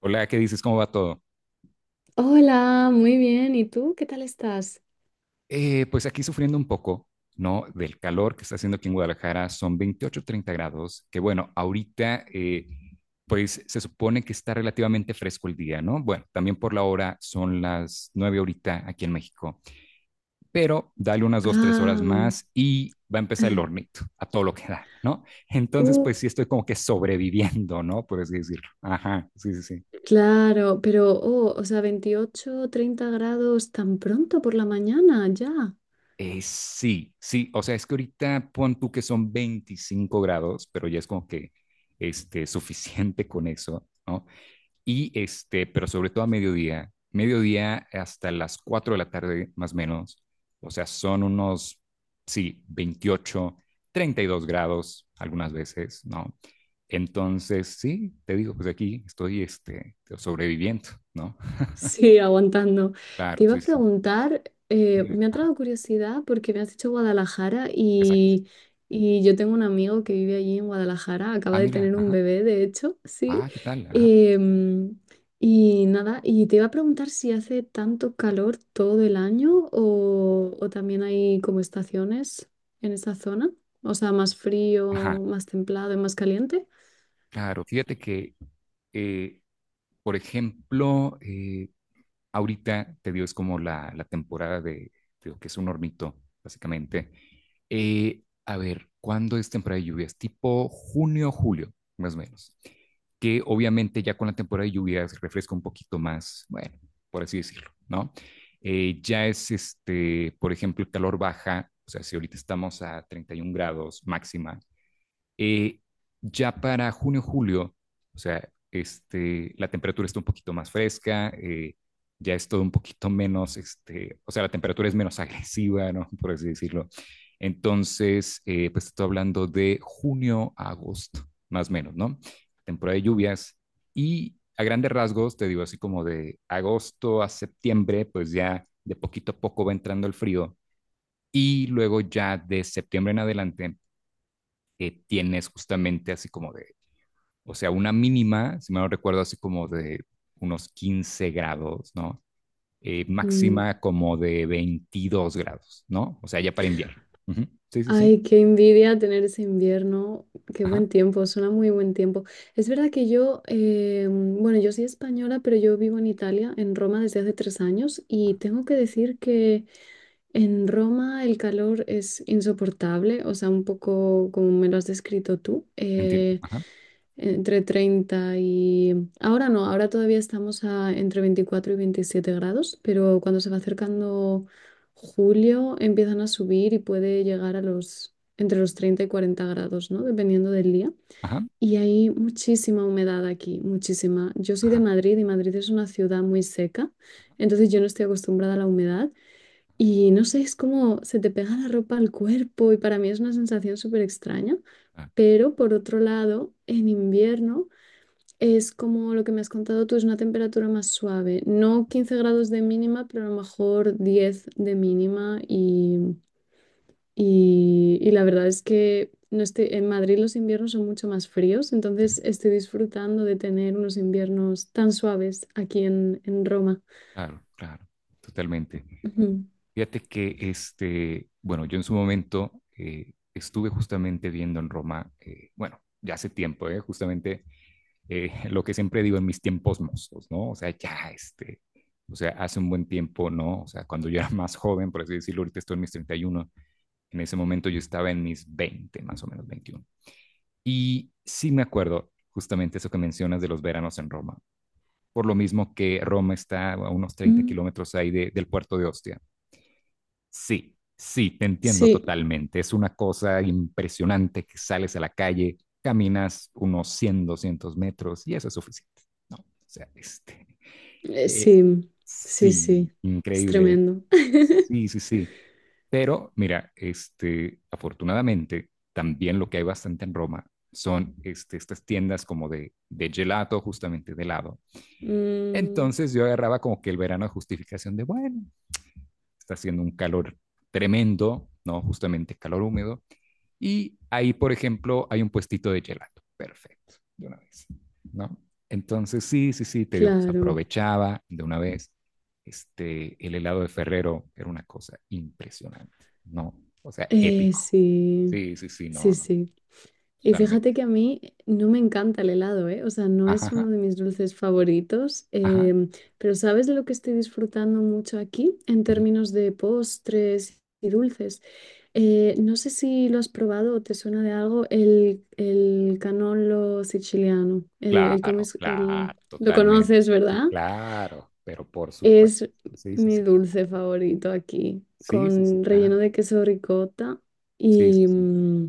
Hola, ¿qué dices? ¿Cómo va todo? Hola, muy bien. ¿Y tú? ¿Qué tal estás? Pues aquí sufriendo un poco, ¿no? Del calor que está haciendo aquí en Guadalajara, son 28, 30 grados, que bueno, ahorita pues se supone que está relativamente fresco el día, ¿no? Bueno, también por la hora son las 9 ahorita aquí en México, pero dale unas 2, 3 horas Ah, más y va a empezar el hornito, a todo lo que da, ¿no? Entonces, uh, pues sí estoy como que sobreviviendo, ¿no? Por así decirlo. Ajá, sí, sí, sí. claro, pero, oh, o sea, 28, 30 grados tan pronto por la mañana, ya. Sí, sí, o sea, es que ahorita pon tú que son 25 grados, pero ya es como que este, suficiente con eso, ¿no? Y este, pero sobre todo a mediodía, mediodía hasta las 4 de la tarde más o menos, o sea, son unos, sí, 28, 32 grados algunas veces, ¿no? Entonces, sí, te digo, pues aquí estoy este, sobreviviendo, ¿no? Sí, aguantando. Claro, Te iba a sí, sí. preguntar, Dime, me ha ajá, traído curiosidad porque me has dicho Guadalajara exacto. y yo tengo un amigo que vive allí en Guadalajara, acaba Ah, de mira, tener un ajá, bebé, de hecho, sí. ah, ¿qué tal? Ajá, Em, y nada, y te iba a preguntar si hace tanto calor todo el año o también hay como estaciones en esa zona, o sea, más ajá. frío, más templado y más caliente. Claro, fíjate que, eh, por ejemplo, ahorita te digo, es como la temporada de lo que es un hornito, básicamente. A ver, ¿cuándo es temporada de lluvias? Tipo junio, julio, más o menos. Que obviamente ya con la temporada de lluvias refresca un poquito más, bueno, por así decirlo, ¿no? Ya es, este, por ejemplo, el calor baja, o sea, si ahorita estamos a 31 grados máxima eh, ya para junio, julio, o sea, este, la temperatura está un poquito más fresca, ya es todo un poquito menos, este, o sea, la temperatura es menos agresiva, ¿no? Por así decirlo. Entonces, pues estoy hablando de junio a agosto, más o menos, ¿no? Temporada de lluvias y a grandes rasgos, te digo así como de agosto a septiembre, pues ya de poquito a poco va entrando el frío y luego ya de septiembre en adelante tienes justamente así como de, o sea, una mínima, si me no recuerdo, así como de unos 15 grados, ¿no? Máxima como de 22 grados, ¿no? O sea, ya para invierno. Ujú. Sí, sí, sí. Ay, qué envidia tener ese invierno. Qué Ajá, buen tiempo, suena muy buen tiempo. Es verdad que yo, bueno, yo soy española, pero yo vivo en Italia, en Roma, desde hace 3 años y ajá, tengo que ok. decir que en Roma el calor es insoportable, o sea, un poco como me lo has descrito tú. Entiendo. Ajá, Entre 30 y... Ahora no, ahora todavía estamos a entre 24 y 27 grados, pero cuando se va acercando julio empiezan a subir y puede llegar a los entre los 30 y 40 grados, ¿no? Dependiendo del día. ajá, Y hay muchísima humedad aquí, muchísima. Yo soy de ajá. Madrid y Madrid es una ciudad muy seca, entonces yo no estoy acostumbrada a la humedad y no sé, es como se te pega la ropa al cuerpo y para mí es una sensación súper extraña. Ah, Pero por otro lado, en invierno... Es como lo que me has contado tú, es una temperatura más suave. No 15 grados de mínima, pero a lo mejor 10 de mínima. Y, y la verdad es que no estoy, en Madrid los inviernos son mucho más fríos, ujú. entonces estoy disfrutando de tener unos inviernos tan suaves aquí en Roma. Claro, claro, totalmente. Fíjate que este, bueno, yo en su momento estuve justamente viendo en Roma, bueno, ya hace tiempo, justamente lo que siempre digo en mis tiempos mozos, ¿no? O sea, ya, este, o sea, hace un buen tiempo, ¿no? O sea, cuando yo era más joven, por así decirlo, ahorita estoy en mis 31, en ese momento yo estaba en mis 20 más o menos 21. Y sí me acuerdo justamente eso que mencionas de los veranos en Roma, por lo mismo que Roma está a unos Ujú. treinta Mm, kilómetros ahí de, del puerto de Ostia. Sí, sí, te entiendo Sí, totalmente. Es una cosa impresionante que sales a la calle, caminas unos 100, 200 metros y eso es suficiente, ¿no? O sea, este, eh, eh, sí, sí, sí, sí. Es increíble. tremendo. Sí, sí, sí. Pero mira, este, afortunadamente, también lo que hay bastante en Roma son este, estas tiendas como de gelato, justamente de helado. Mm, Entonces yo agarraba como que el verano de justificación de, bueno, está haciendo un calor tremendo, ¿no? Justamente calor húmedo. Y ahí, por ejemplo, hay un puestito de gelato. Perfecto, de una vez, ¿no? Entonces, sí, sí, sí, te digo, pues claro. aprovechaba de una vez. Este, el helado de Ferrero era una cosa impresionante, ¿no? O sea, épico. Sí, Sí, sí, sí, no, sí, no, no, sí. Y fíjate totalmente. que a mí no me encanta el helado, ¿eh? O sea, no Ajá, es ajá, uno de mis dulces favoritos, ajá. Pero ¿sabes de lo que estoy disfrutando mucho aquí en Ujú. términos de postres y dulces? No sé si lo has probado o te suena de algo el canolo siciliano, el, el, cómo Claro, es- el- claro, lo totalmente. conoces, Sí, ¿verdad? claro, pero por supuesto. Es Sí, sí, mi sí, claro. dulce favorito aquí, Sí, sí, sí, con claro. relleno de queso ricota Sí, sí, y... sí.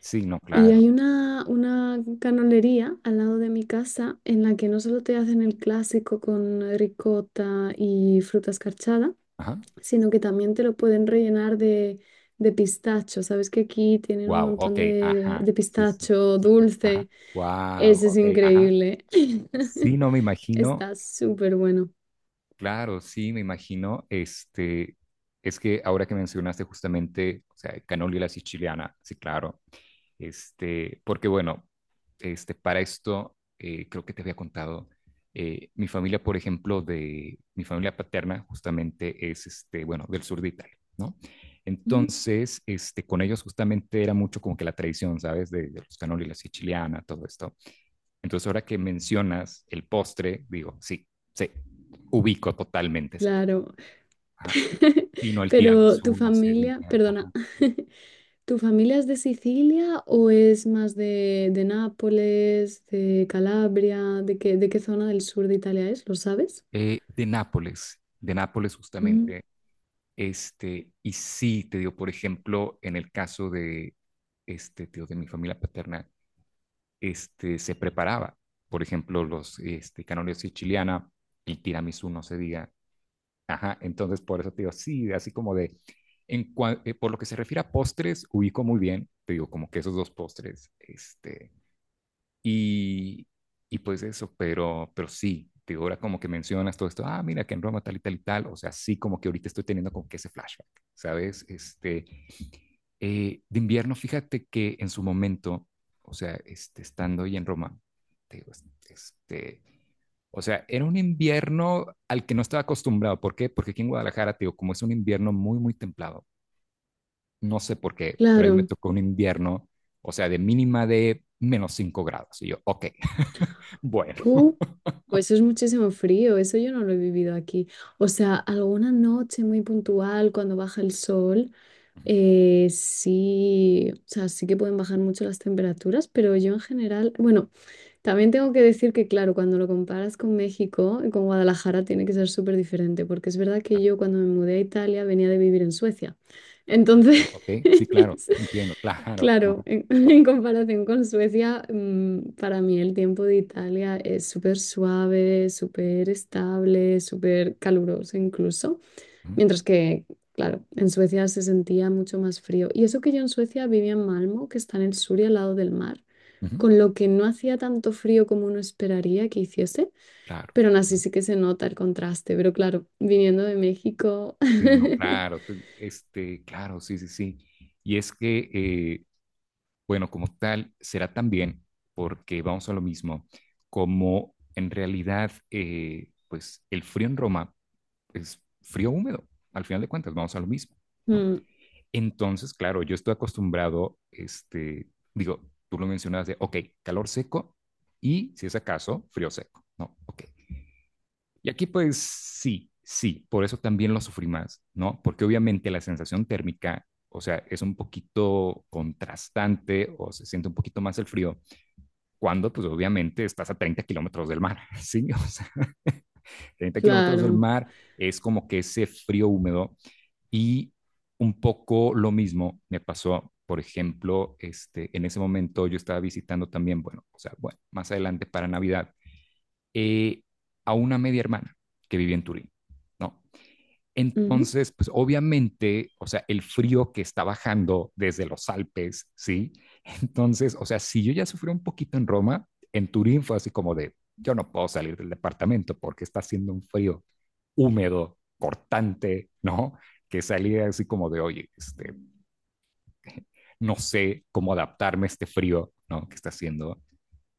Sí, no, y claro. hay una canolería al lado de mi casa en la que no solo te hacen el clásico con ricota y fruta escarchada, Ajá. sino que también te lo pueden rellenar de, pistacho. Sabes que aquí tienen un Wow, montón ok, de, de, ajá. de Sí, sí, pistacho súper. Ajá. dulce. Wow, Ese es ok, ajá. increíble. Sí, no me imagino, Está súper bueno. claro, sí, me imagino, este, es que ahora que mencionaste justamente, o sea, canola y la siciliana, sí, claro. Este, porque bueno, este, para esto creo que te había contado, mi familia, por ejemplo, de mi familia paterna justamente es, este, bueno, del sur de Italia, ¿no? Mm, Entonces, este, con ellos justamente era mucho como que la tradición, ¿sabes? De los canoli, la siciliana, todo esto. Entonces, ahora que mencionas el postre, digo, sí, sí, ubico totalmente ese postre. claro. Ajá. Sí, no, el Pero tu tiramisú, no se familia, diga. perdona. Ajá. ¿Tu familia es de Sicilia o es más de, Nápoles, de Calabria? ¿De qué zona del sur de Italia es? ¿Lo sabes? De Nápoles, de Nápoles Mm, justamente. Este, y sí, te digo, por ejemplo, en el caso de, este, te digo, de mi familia paterna, este, se preparaba, por ejemplo, los este, canales siciliana, el tiramisú, no se diga. Ajá, entonces por eso te digo, sí, así como de, por lo que se refiere a postres, ubico muy bien, te digo, como que esos dos postres, este, y, y pues eso, pero sí, te ahora como que mencionas todo esto, ah, mira que en Roma tal y tal y tal, o sea, sí como que ahorita estoy teniendo como que ese flashback, ¿sabes? Este, de invierno, fíjate que en su momento, o sea, este, estando ahí en Roma, te digo, este, o sea, era un invierno al que no estaba acostumbrado, ¿por qué? Porque aquí en Guadalajara, te digo, como es un invierno muy, muy templado, no sé por qué, pero ahí me claro. tocó un invierno, o sea, de mínima de -5 grados, y yo, ok, bueno. Uh, pues es muchísimo frío, eso yo no lo he vivido aquí. O sea, alguna noche muy puntual cuando baja el sol, sí, o sea, sí que pueden bajar mucho las temperaturas, pero yo en general, bueno, también tengo que decir que, claro, cuando lo comparas con México, y con Guadalajara, tiene que ser súper diferente, porque es verdad que Claro. yo cuando me mudé a Italia venía de vivir en Suecia. Ah, Entonces, ok, sí, claro, entiendo, claro. claro, Ajá, en, en comparación con Suecia, para mí el tiempo de Italia es súper suave, súper estable, súper caluroso incluso. ujú, Mientras que, claro, en Suecia se sentía mucho más frío. Y eso que yo en Suecia vivía en Malmo, que está en el sur y al lado del mar, ujú, con lo que no hacía tanto frío como uno esperaría que hiciese, claro. pero aún así Ajá. sí que se nota el contraste. Pero claro, viniendo de México. Sí, no, claro, este, claro, sí, sí, sí. Y es que, bueno, como tal, será también, porque vamos a lo mismo, como en realidad, pues el frío en Roma es frío húmedo, al final de cuentas, vamos a lo mismo, ¿no? Mm, Entonces, claro, yo estoy acostumbrado, este, digo, tú lo mencionabas de, ok, calor seco y, si es acaso, frío seco, ¿no? Ok. Y aquí pues sí, sí, por eso también lo sufrí más, ¿no? Porque obviamente la sensación térmica, o sea, es un poquito contrastante o se siente un poquito más el frío cuando pues obviamente estás a 30 kilómetros del mar, ¿sí? O sea, 30 kilómetros del claro. mar es como que ese frío húmedo y un poco lo mismo me pasó, por ejemplo, este, en ese momento yo estaba visitando también, bueno, o sea, bueno, más adelante para Navidad, eh, a una media hermana que vivía en Turín, ¿no? Ujú. Entonces, pues obviamente, o sea, el frío que está bajando desde los Alpes, ¿sí? Entonces, o sea, si yo ya sufrí un poquito en Roma, en Turín fue así como de, yo no puedo salir del departamento porque está haciendo un frío húmedo, cortante, ¿no? Que salía así como de, oye, este, no sé cómo adaptarme a este frío, ¿no? Que está haciendo.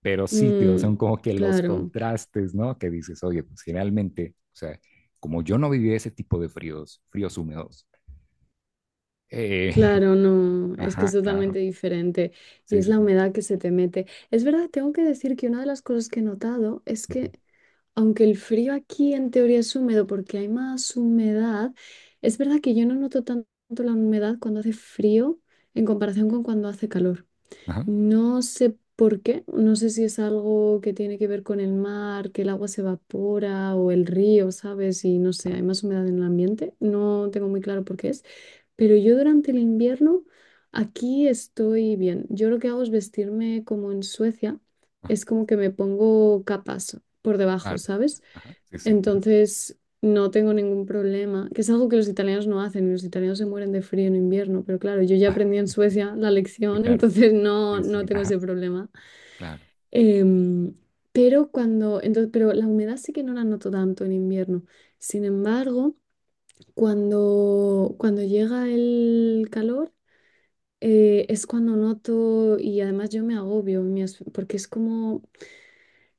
Pero sí, tío, son Mm, como que los claro. contrastes, ¿no? Que dices, oye, pues generalmente, o sea, como yo no viví ese tipo de fríos, fríos húmedos. Eh, Claro, no, es que es ajá, totalmente claro. diferente y Sí, es sí, la sí. humedad que se te mete. Es verdad, tengo que decir que una de las cosas que he notado es Ujú. que aunque el frío aquí en teoría es húmedo porque hay más humedad, es verdad que yo no noto tanto la humedad cuando hace frío en comparación con cuando hace calor. Ajá, No sé por qué, no sé si es algo que tiene que ver con el mar, que el agua se evapora o el río, ¿sabes? Y no sé, ajá, hay más humedad en el ambiente. No tengo muy claro por qué es, pero yo durante el invierno aquí estoy bien. Yo lo que hago es vestirme como en Suecia, ajá, es como que me pongo capas por debajo, claro. ¿sabes? Ajá, sí, sí. Ajá. Entonces, no tengo ningún problema, que es algo que los italianos no hacen, y los italianos se mueren de frío en invierno, pero claro, yo ya Ah, aprendí en Suecia la sí, lección, claro. entonces no, Sí, sí. no Sí, tengo ajá, ese problema. claro. Em, pero cuando, entonces, pero la humedad sí que no la noto tanto en invierno. Sin embargo, cuando llega el calor, es cuando noto, y además yo me agobio, porque es como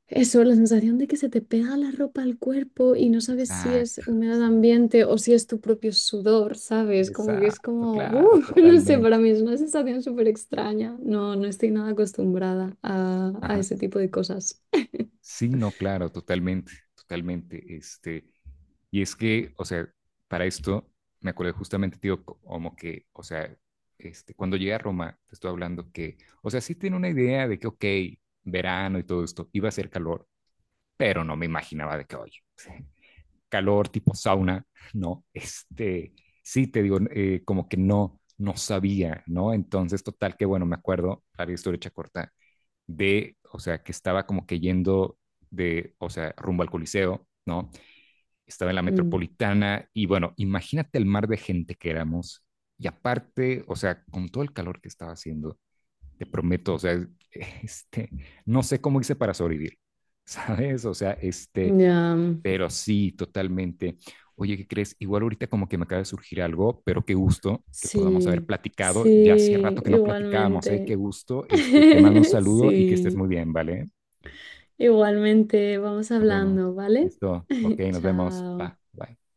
eso, la sensación de que se te pega la ropa al cuerpo y no sabes si es Exacto. humedad Sí, ambiente o claro. si es tu propio sudor, ¿sabes? Como que es Exacto, como, claro, ¡uh! no sé, totalmente. para mí es una sensación súper extraña. No, no estoy nada acostumbrada a Ajá. ese tipo de cosas. Sí, no, claro, totalmente, totalmente. Este, y es que, o sea, para esto me acuerdo justamente, tío, como que, o sea, este, cuando llegué a Roma, te estoy hablando que, o sea, sí tenía una idea de que, ok, verano y todo esto, iba a ser calor, pero no me imaginaba de que, oye, calor tipo sauna, no, este, sí te digo, como que no, no sabía, ¿no? Entonces, total, que bueno, me acuerdo, para la historia hecha corta, de, o sea, que estaba como que yendo de, o sea, rumbo al Coliseo, ¿no? Estaba en la Mm. metropolitana y bueno, imagínate el mar de gente que éramos y aparte, o sea, con todo el calor que estaba haciendo, te prometo, o sea, este, no sé cómo hice para sobrevivir, ¿sabes? O sea, este, Ya, pero sí, totalmente. Oye, ¿qué crees? Igual ahorita como que me acaba de surgir algo, pero qué gusto que podamos haber sí, platicado. sí, Ya hacía rato que no platicábamos, ¿eh? Qué igualmente. gusto. Este, te mando un saludo y que estés muy Sí, bien, ¿vale? igualmente, vamos Nos vemos. hablando, ¿vale? Listo. Ok, nos vemos. Pa, Chao. bye.